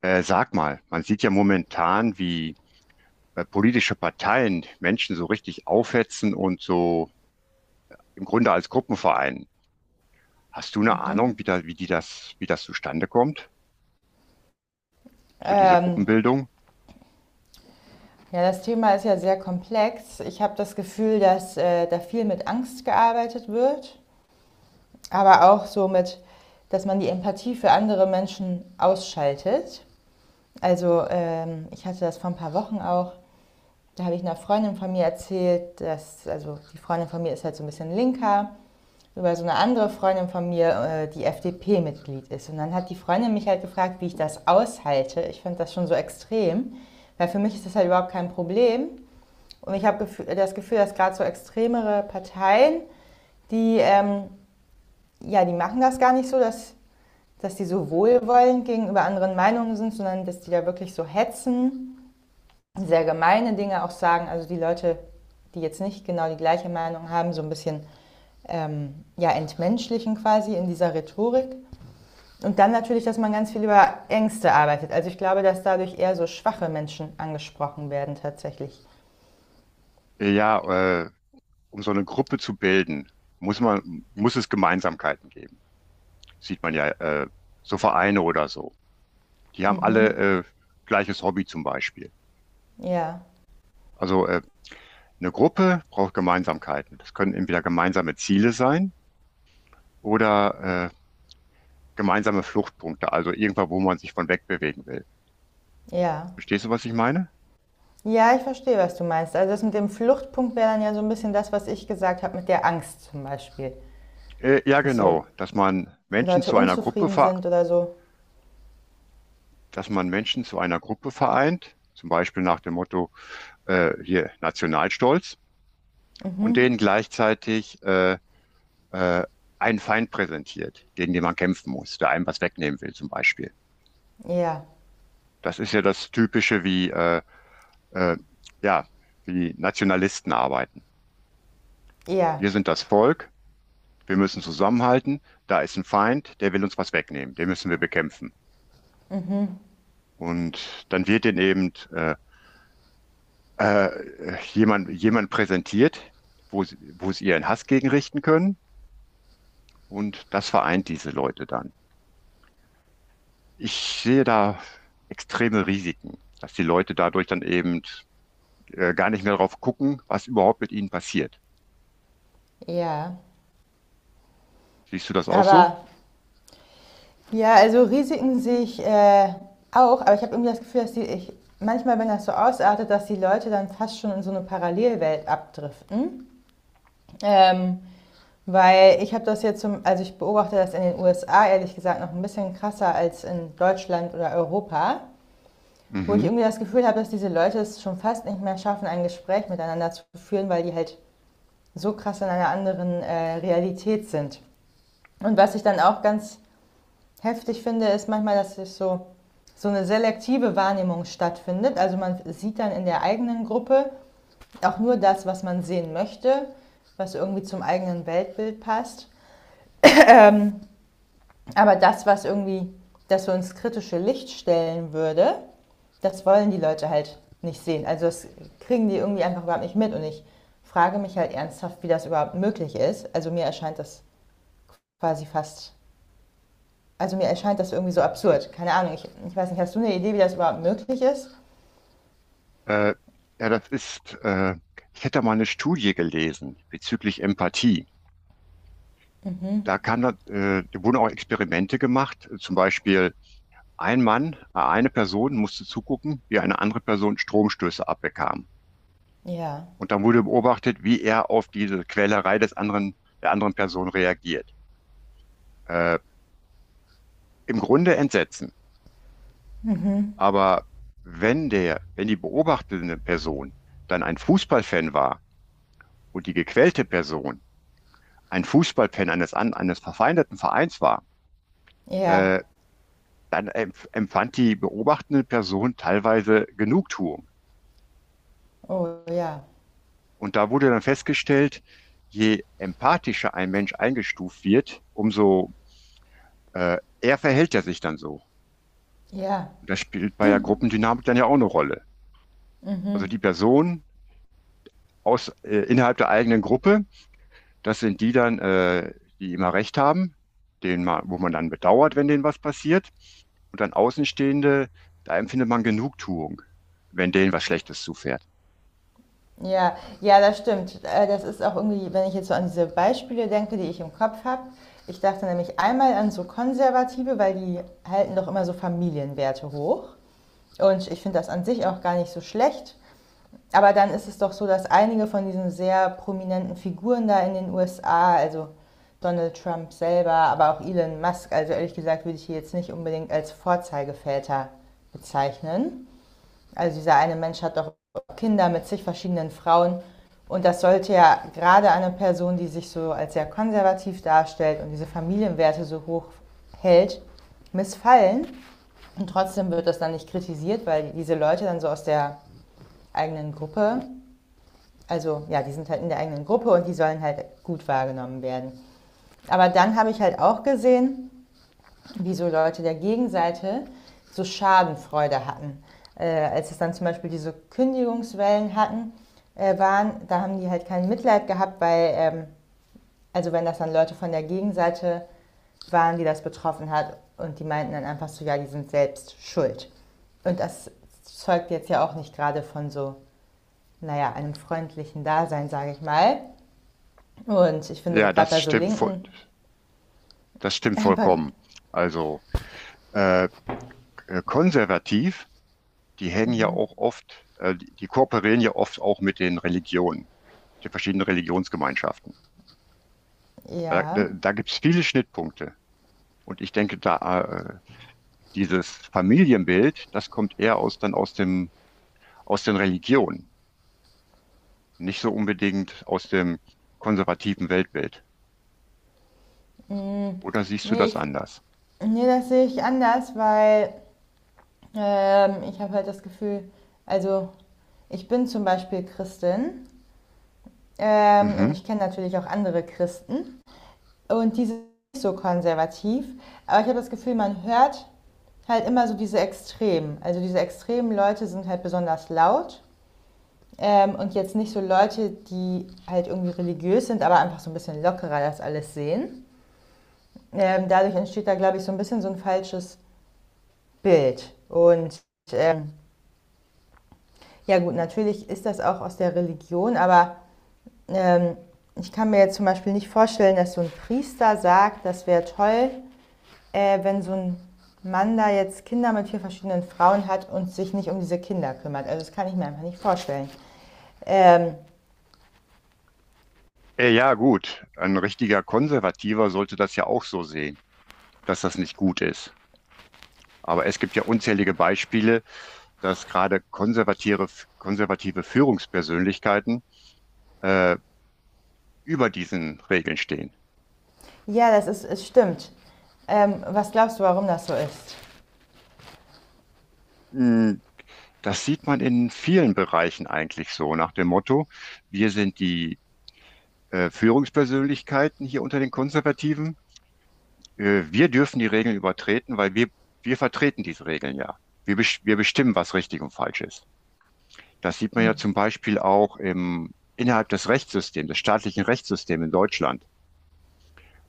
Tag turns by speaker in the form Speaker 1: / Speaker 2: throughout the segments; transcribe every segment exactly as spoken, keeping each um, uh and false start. Speaker 1: Äh, sag mal, man sieht ja momentan, wie äh, politische Parteien Menschen so richtig aufhetzen und so im Grunde als Gruppenverein. Hast du eine Ahnung,
Speaker 2: Mhm.
Speaker 1: wie da, wie die das, wie das zustande kommt, so diese
Speaker 2: Ähm,
Speaker 1: Gruppenbildung?
Speaker 2: ja, das Thema ist ja sehr komplex. Ich habe das Gefühl, dass äh, da viel mit Angst gearbeitet wird, aber auch so mit, dass man die Empathie für andere Menschen ausschaltet. Also ähm, ich hatte das vor ein paar Wochen auch. Da habe ich einer Freundin von mir erzählt, dass, also die Freundin von mir ist halt so ein bisschen linker, über so eine andere Freundin von mir, äh, die F D P-Mitglied ist. Und dann hat die Freundin mich halt gefragt, wie ich das aushalte. Ich fand das schon so extrem, weil für mich ist das halt überhaupt kein Problem. Und ich habe das Gefühl, dass gerade so extremere Parteien, die, ähm, ja, die machen das gar nicht so, dass, dass die so wohlwollend gegenüber anderen Meinungen sind, sondern dass die da wirklich so hetzen, sehr gemeine Dinge auch sagen. Also die Leute, die jetzt nicht genau die gleiche Meinung haben, so ein bisschen ähm, ja, entmenschlichen quasi in dieser Rhetorik. Und dann natürlich, dass man ganz viel über Ängste arbeitet. Also ich glaube, dass dadurch eher so schwache Menschen angesprochen werden tatsächlich.
Speaker 1: Äh, Ja, äh, um so eine Gruppe zu bilden, muss man, muss es Gemeinsamkeiten geben. Sieht man ja, äh, so Vereine oder so. Die haben
Speaker 2: Mhm.
Speaker 1: alle äh, gleiches Hobby zum Beispiel.
Speaker 2: Ja,
Speaker 1: Also äh, eine Gruppe braucht Gemeinsamkeiten. Das können entweder gemeinsame Ziele sein oder äh, gemeinsame Fluchtpunkte, also irgendwo, wo man sich von wegbewegen will.
Speaker 2: ja.
Speaker 1: Verstehst du, was ich meine?
Speaker 2: Ja, ich verstehe, was du meinst. Also das mit dem Fluchtpunkt wäre dann ja so ein bisschen das, was ich gesagt habe mit der Angst zum Beispiel.
Speaker 1: Äh, ja,
Speaker 2: Dass so
Speaker 1: genau, dass man Menschen
Speaker 2: Leute
Speaker 1: zu einer Gruppe
Speaker 2: unzufrieden
Speaker 1: ver
Speaker 2: sind oder so.
Speaker 1: dass man Menschen zu einer Gruppe vereint, zum Beispiel nach dem Motto äh, hier Nationalstolz und denen gleichzeitig äh, äh, einen Feind präsentiert, gegen den man kämpfen muss, der einem was wegnehmen will, zum Beispiel.
Speaker 2: Ja,
Speaker 1: Das ist ja das Typische, wie äh, äh, ja, wie Nationalisten arbeiten.
Speaker 2: ja,
Speaker 1: Wir sind das Volk. Wir müssen zusammenhalten. Da ist ein Feind, der will uns was wegnehmen. Den müssen wir bekämpfen. Und dann wird denen eben äh, äh, jemand, jemand präsentiert, wo sie, wo sie ihren Hass gegen richten können. Und das vereint diese Leute dann. Ich sehe da extreme Risiken, dass die Leute dadurch dann eben äh, gar nicht mehr drauf gucken, was überhaupt mit ihnen passiert.
Speaker 2: ja.
Speaker 1: Siehst du das auch so?
Speaker 2: Aber ja, also Risiken sehe ich äh, auch, aber ich habe irgendwie das Gefühl, dass die, ich, manchmal, wenn das so ausartet, dass die Leute dann fast schon in so eine Parallelwelt abdriften. Ähm, Weil ich habe das jetzt zum, also ich beobachte das in den U S A ehrlich gesagt noch ein bisschen krasser als in Deutschland oder Europa, wo ich
Speaker 1: Mhm.
Speaker 2: irgendwie das Gefühl habe, dass diese Leute es schon fast nicht mehr schaffen, ein Gespräch miteinander zu führen, weil die halt so krass in einer anderen äh, Realität sind. Und was ich dann auch ganz heftig finde, ist manchmal, dass es so, so eine selektive Wahrnehmung stattfindet. Also man sieht dann in der eigenen Gruppe auch nur das, was man sehen möchte, was irgendwie zum eigenen Weltbild passt. Ähm, Aber das, was irgendwie, dass wir uns kritische Licht stellen würde, das wollen die Leute halt nicht sehen. Also das kriegen die irgendwie einfach überhaupt nicht mit. Und ich frage mich halt ernsthaft, wie das überhaupt möglich ist. Also mir erscheint das quasi fast, also mir erscheint das irgendwie so absurd. Keine Ahnung, ich, ich weiß nicht, hast du eine Idee, wie das überhaupt möglich ist?
Speaker 1: Äh, ja, das ist, äh, ich hätte da mal eine Studie gelesen bezüglich Empathie. Da kam äh, da wurden auch Experimente gemacht. Zum Beispiel ein Mann, äh, eine Person musste zugucken, wie eine andere Person Stromstöße abbekam.
Speaker 2: Ja,
Speaker 1: Und dann wurde beobachtet, wie er auf diese Quälerei des anderen, der anderen Person reagiert. Äh, Im Grunde Entsetzen. Aber wenn der, wenn die beobachtende Person dann ein Fußballfan war und die gequälte Person ein Fußballfan eines, an- eines verfeindeten Vereins war,
Speaker 2: ja,
Speaker 1: äh, dann empf- empfand die beobachtende Person teilweise Genugtuung.
Speaker 2: oh ja,
Speaker 1: Und da wurde dann festgestellt, je empathischer ein Mensch eingestuft wird, umso äh, eher verhält er sich dann so.
Speaker 2: ja.
Speaker 1: Und das spielt bei der Gruppendynamik dann ja auch eine Rolle. Also die Person aus, äh, innerhalb der eigenen Gruppe, das sind die dann, äh, die immer recht haben, denen man, wo man dann bedauert, wenn denen was passiert. Und dann Außenstehende, da empfindet man Genugtuung, wenn denen was Schlechtes zufährt.
Speaker 2: Ja, ja, das stimmt. Äh, Das ist auch irgendwie, wenn ich jetzt so an diese Beispiele denke, die ich im Kopf habe. Ich dachte nämlich einmal an so Konservative, weil die halten doch immer so Familienwerte hoch. Und ich finde das an sich auch gar nicht so schlecht. Aber dann ist es doch so, dass einige von diesen sehr prominenten Figuren da in den U S A, also Donald Trump selber, aber auch Elon Musk, also ehrlich gesagt, würde ich die jetzt nicht unbedingt als Vorzeigeväter bezeichnen. Also dieser eine Mensch hat doch Kinder mit zig verschiedenen Frauen. Und das sollte ja gerade eine Person, die sich so als sehr konservativ darstellt und diese Familienwerte so hoch hält, missfallen. Und trotzdem wird das dann nicht kritisiert, weil diese Leute dann so aus der eigenen Gruppe, also ja, die sind halt in der eigenen Gruppe und die sollen halt gut wahrgenommen werden. Aber dann habe ich halt auch gesehen, wieso Leute der Gegenseite so Schadenfreude hatten. Äh, als es dann zum Beispiel diese Kündigungswellen hatten, äh, waren, da haben die halt kein Mitleid gehabt, weil, ähm, also wenn das dann Leute von der Gegenseite waren, die das betroffen hat und die meinten dann einfach so, ja, die sind selbst schuld. Und das zeugt jetzt ja auch nicht gerade von so, naja, einem freundlichen Dasein, sage ich mal. Und ich finde
Speaker 1: Ja,
Speaker 2: gerade
Speaker 1: das
Speaker 2: bei so
Speaker 1: stimmt, voll-
Speaker 2: Linken,
Speaker 1: das stimmt vollkommen. Also äh, äh, konservativ, die hängen ja auch oft, äh, die, die kooperieren ja oft auch mit den Religionen, den verschiedenen Religionsgemeinschaften. Da, da,
Speaker 2: ja,
Speaker 1: da gibt es viele Schnittpunkte. Und ich denke, da äh, dieses Familienbild, das kommt eher aus dann aus dem aus den Religionen, nicht so unbedingt aus dem konservativen Weltbild.
Speaker 2: mh,
Speaker 1: Oder siehst du
Speaker 2: nee,
Speaker 1: das
Speaker 2: ich
Speaker 1: anders?
Speaker 2: Nee, das sehe ich anders, weil ähm, ich habe halt das Gefühl, also ich bin zum Beispiel Christin, ähm, und
Speaker 1: Mhm.
Speaker 2: ich kenne natürlich auch andere Christen und die sind nicht so konservativ, aber ich habe das Gefühl, man hört halt immer so diese Extremen. Also diese extremen Leute sind halt besonders laut, ähm, und jetzt nicht so Leute, die halt irgendwie religiös sind, aber einfach so ein bisschen lockerer das alles sehen. Ähm, dadurch entsteht da, glaube ich, so ein bisschen so ein falsches Bild, und ähm, ja gut, natürlich ist das auch aus der Religion, aber ähm, ich kann mir jetzt zum Beispiel nicht vorstellen, dass so ein Priester sagt, das wäre toll, äh, wenn so ein Mann da jetzt Kinder mit vier verschiedenen Frauen hat und sich nicht um diese Kinder kümmert. Also das kann ich mir einfach nicht vorstellen. Ähm,
Speaker 1: Äh, ja, gut. Ein richtiger Konservativer sollte das ja auch so sehen, dass das nicht gut ist. Aber es gibt ja unzählige Beispiele, dass gerade konservative, konservative Führungspersönlichkeiten äh, über diesen Regeln stehen.
Speaker 2: ja, das ist, es stimmt. Ähm, was glaubst du, warum das so ist?
Speaker 1: Mm. Das sieht man in vielen Bereichen eigentlich so, nach dem Motto, wir sind die äh, Führungspersönlichkeiten hier unter den Konservativen. Äh, wir dürfen die Regeln übertreten, weil wir, wir vertreten diese Regeln ja. Wir, Wir bestimmen, was richtig und falsch ist. Das sieht man
Speaker 2: Hm,
Speaker 1: ja zum Beispiel auch im, innerhalb des Rechtssystems, des staatlichen Rechtssystems in Deutschland.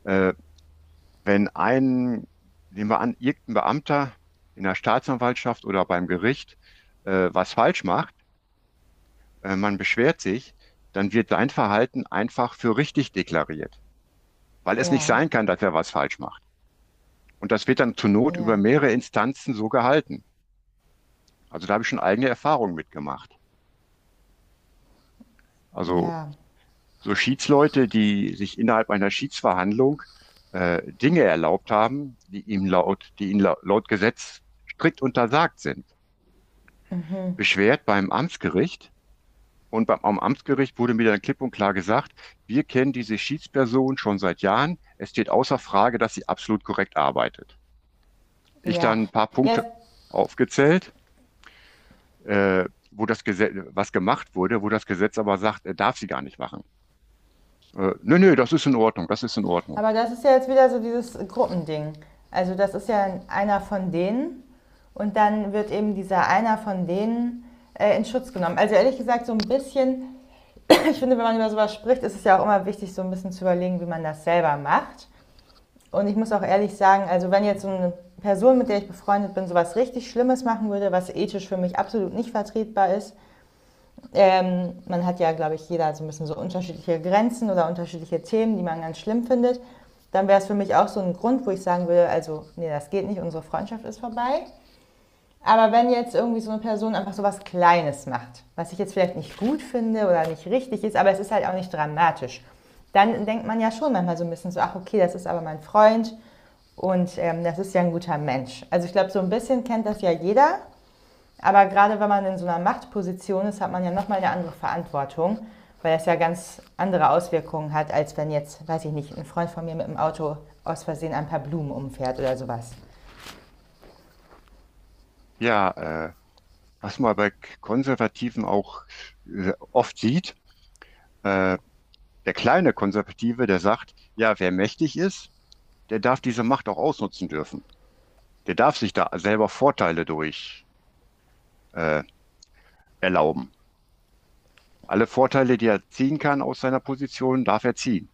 Speaker 1: Äh, wenn ein, Nehmen wir an, irgendein Beamter in der Staatsanwaltschaft oder beim Gericht äh, was falsch macht, äh, man beschwert sich, dann wird sein Verhalten einfach für richtig deklariert, weil es nicht
Speaker 2: ja,
Speaker 1: sein kann, dass er was falsch macht. Und das wird dann zur Not über
Speaker 2: ja,
Speaker 1: mehrere Instanzen so gehalten. Also da habe ich schon eigene Erfahrungen mitgemacht. Also
Speaker 2: ja,
Speaker 1: so Schiedsleute, die sich innerhalb einer Schiedsverhandlung äh, Dinge erlaubt haben, die ihm laut, die ihnen laut, laut Gesetz strikt untersagt sind. Beschwert beim Amtsgericht und beim, am Amtsgericht wurde mir dann klipp und klar gesagt, wir kennen diese Schiedsperson schon seit Jahren. Es steht außer Frage, dass sie absolut korrekt arbeitet. Ich
Speaker 2: ja.
Speaker 1: dann ein paar Punkte
Speaker 2: Ja,
Speaker 1: aufgezählt, äh, wo das Gesetz, was gemacht wurde, wo das Gesetz aber sagt, er darf sie gar nicht machen. Äh, nö, nö, das ist in Ordnung, das ist in Ordnung.
Speaker 2: aber das ist ja jetzt wieder so dieses Gruppending. Also das ist ja einer von denen und dann wird eben dieser einer von denen äh, in Schutz genommen. Also ehrlich gesagt, so ein bisschen, ich finde, wenn man über sowas spricht, ist es ja auch immer wichtig, so ein bisschen zu überlegen, wie man das selber macht. Und ich muss auch ehrlich sagen, also wenn jetzt so eine Person, mit der ich befreundet bin, sowas richtig Schlimmes machen würde, was ethisch für mich absolut nicht vertretbar ist, ähm, man hat ja, glaube ich, jeder so ein bisschen so unterschiedliche Grenzen oder unterschiedliche Themen, die man ganz schlimm findet. Dann wäre es für mich auch so ein Grund, wo ich sagen würde, also, nee, das geht nicht, unsere Freundschaft ist vorbei. Aber wenn jetzt irgendwie so eine Person einfach so was Kleines macht, was ich jetzt vielleicht nicht gut finde oder nicht richtig ist, aber es ist halt auch nicht dramatisch, dann denkt man ja schon manchmal so ein bisschen so, ach okay, das ist aber mein Freund und ähm, das ist ja ein guter Mensch. Also ich glaube, so ein bisschen kennt das ja jeder, aber gerade wenn man in so einer Machtposition ist, hat man ja nochmal eine andere Verantwortung, weil das ja ganz andere Auswirkungen hat, als wenn jetzt, weiß ich nicht, ein Freund von mir mit dem Auto aus Versehen ein paar Blumen umfährt oder sowas.
Speaker 1: Ja, äh, Was man bei Konservativen auch äh, oft sieht, äh, der kleine Konservative, der sagt, ja, wer mächtig ist, der darf diese Macht auch ausnutzen dürfen. Der darf sich da selber Vorteile durch äh, erlauben. Alle Vorteile, die er ziehen kann aus seiner Position, darf er ziehen.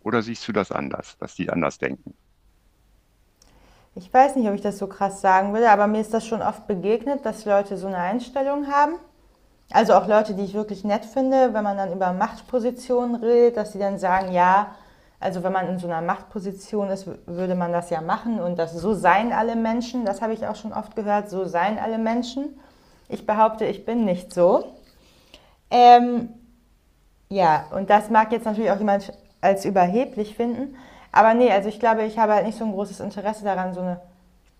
Speaker 1: Oder siehst du das anders, dass die anders denken?
Speaker 2: Ich weiß nicht, ob ich das so krass sagen würde, aber mir ist das schon oft begegnet, dass Leute so eine Einstellung haben. Also auch Leute, die ich wirklich nett finde, wenn man dann über Machtpositionen redet, dass die dann sagen, ja, also wenn man in so einer Machtposition ist, würde man das ja machen und das so seien alle Menschen, das habe ich auch schon oft gehört, so seien alle Menschen. Ich behaupte, ich bin nicht so. Ähm, ja, und das mag jetzt natürlich auch jemand als überheblich finden, aber nee, also ich glaube, ich habe halt nicht so ein großes Interesse daran, so eine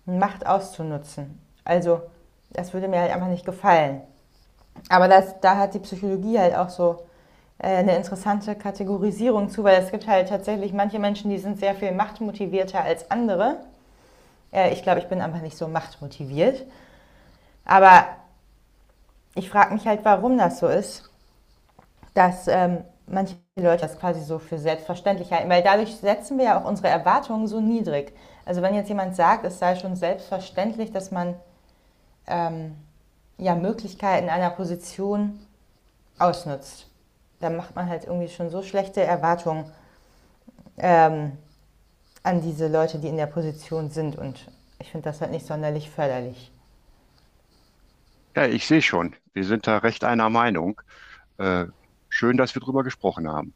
Speaker 2: Macht auszunutzen. Also das würde mir halt einfach nicht gefallen. Aber das, da hat die Psychologie halt auch so äh, eine interessante Kategorisierung zu, weil es gibt halt tatsächlich manche Menschen, die sind sehr viel machtmotivierter als andere. Äh, ich glaube, ich bin einfach nicht so machtmotiviert. Aber ich frage mich halt, warum das so ist, dass ähm, manche Leute das quasi so für selbstverständlich halten, weil dadurch setzen wir ja auch unsere Erwartungen so niedrig. Also wenn jetzt jemand sagt, es sei schon selbstverständlich, dass man ähm, ja Möglichkeiten einer Position ausnutzt. Da macht man halt irgendwie schon so schlechte Erwartungen, ähm, an diese Leute, die in der Position sind. Und ich finde das halt nicht sonderlich förderlich.
Speaker 1: Ja, ich sehe schon, wir sind da recht einer Meinung. Äh, Schön, dass wir drüber gesprochen haben.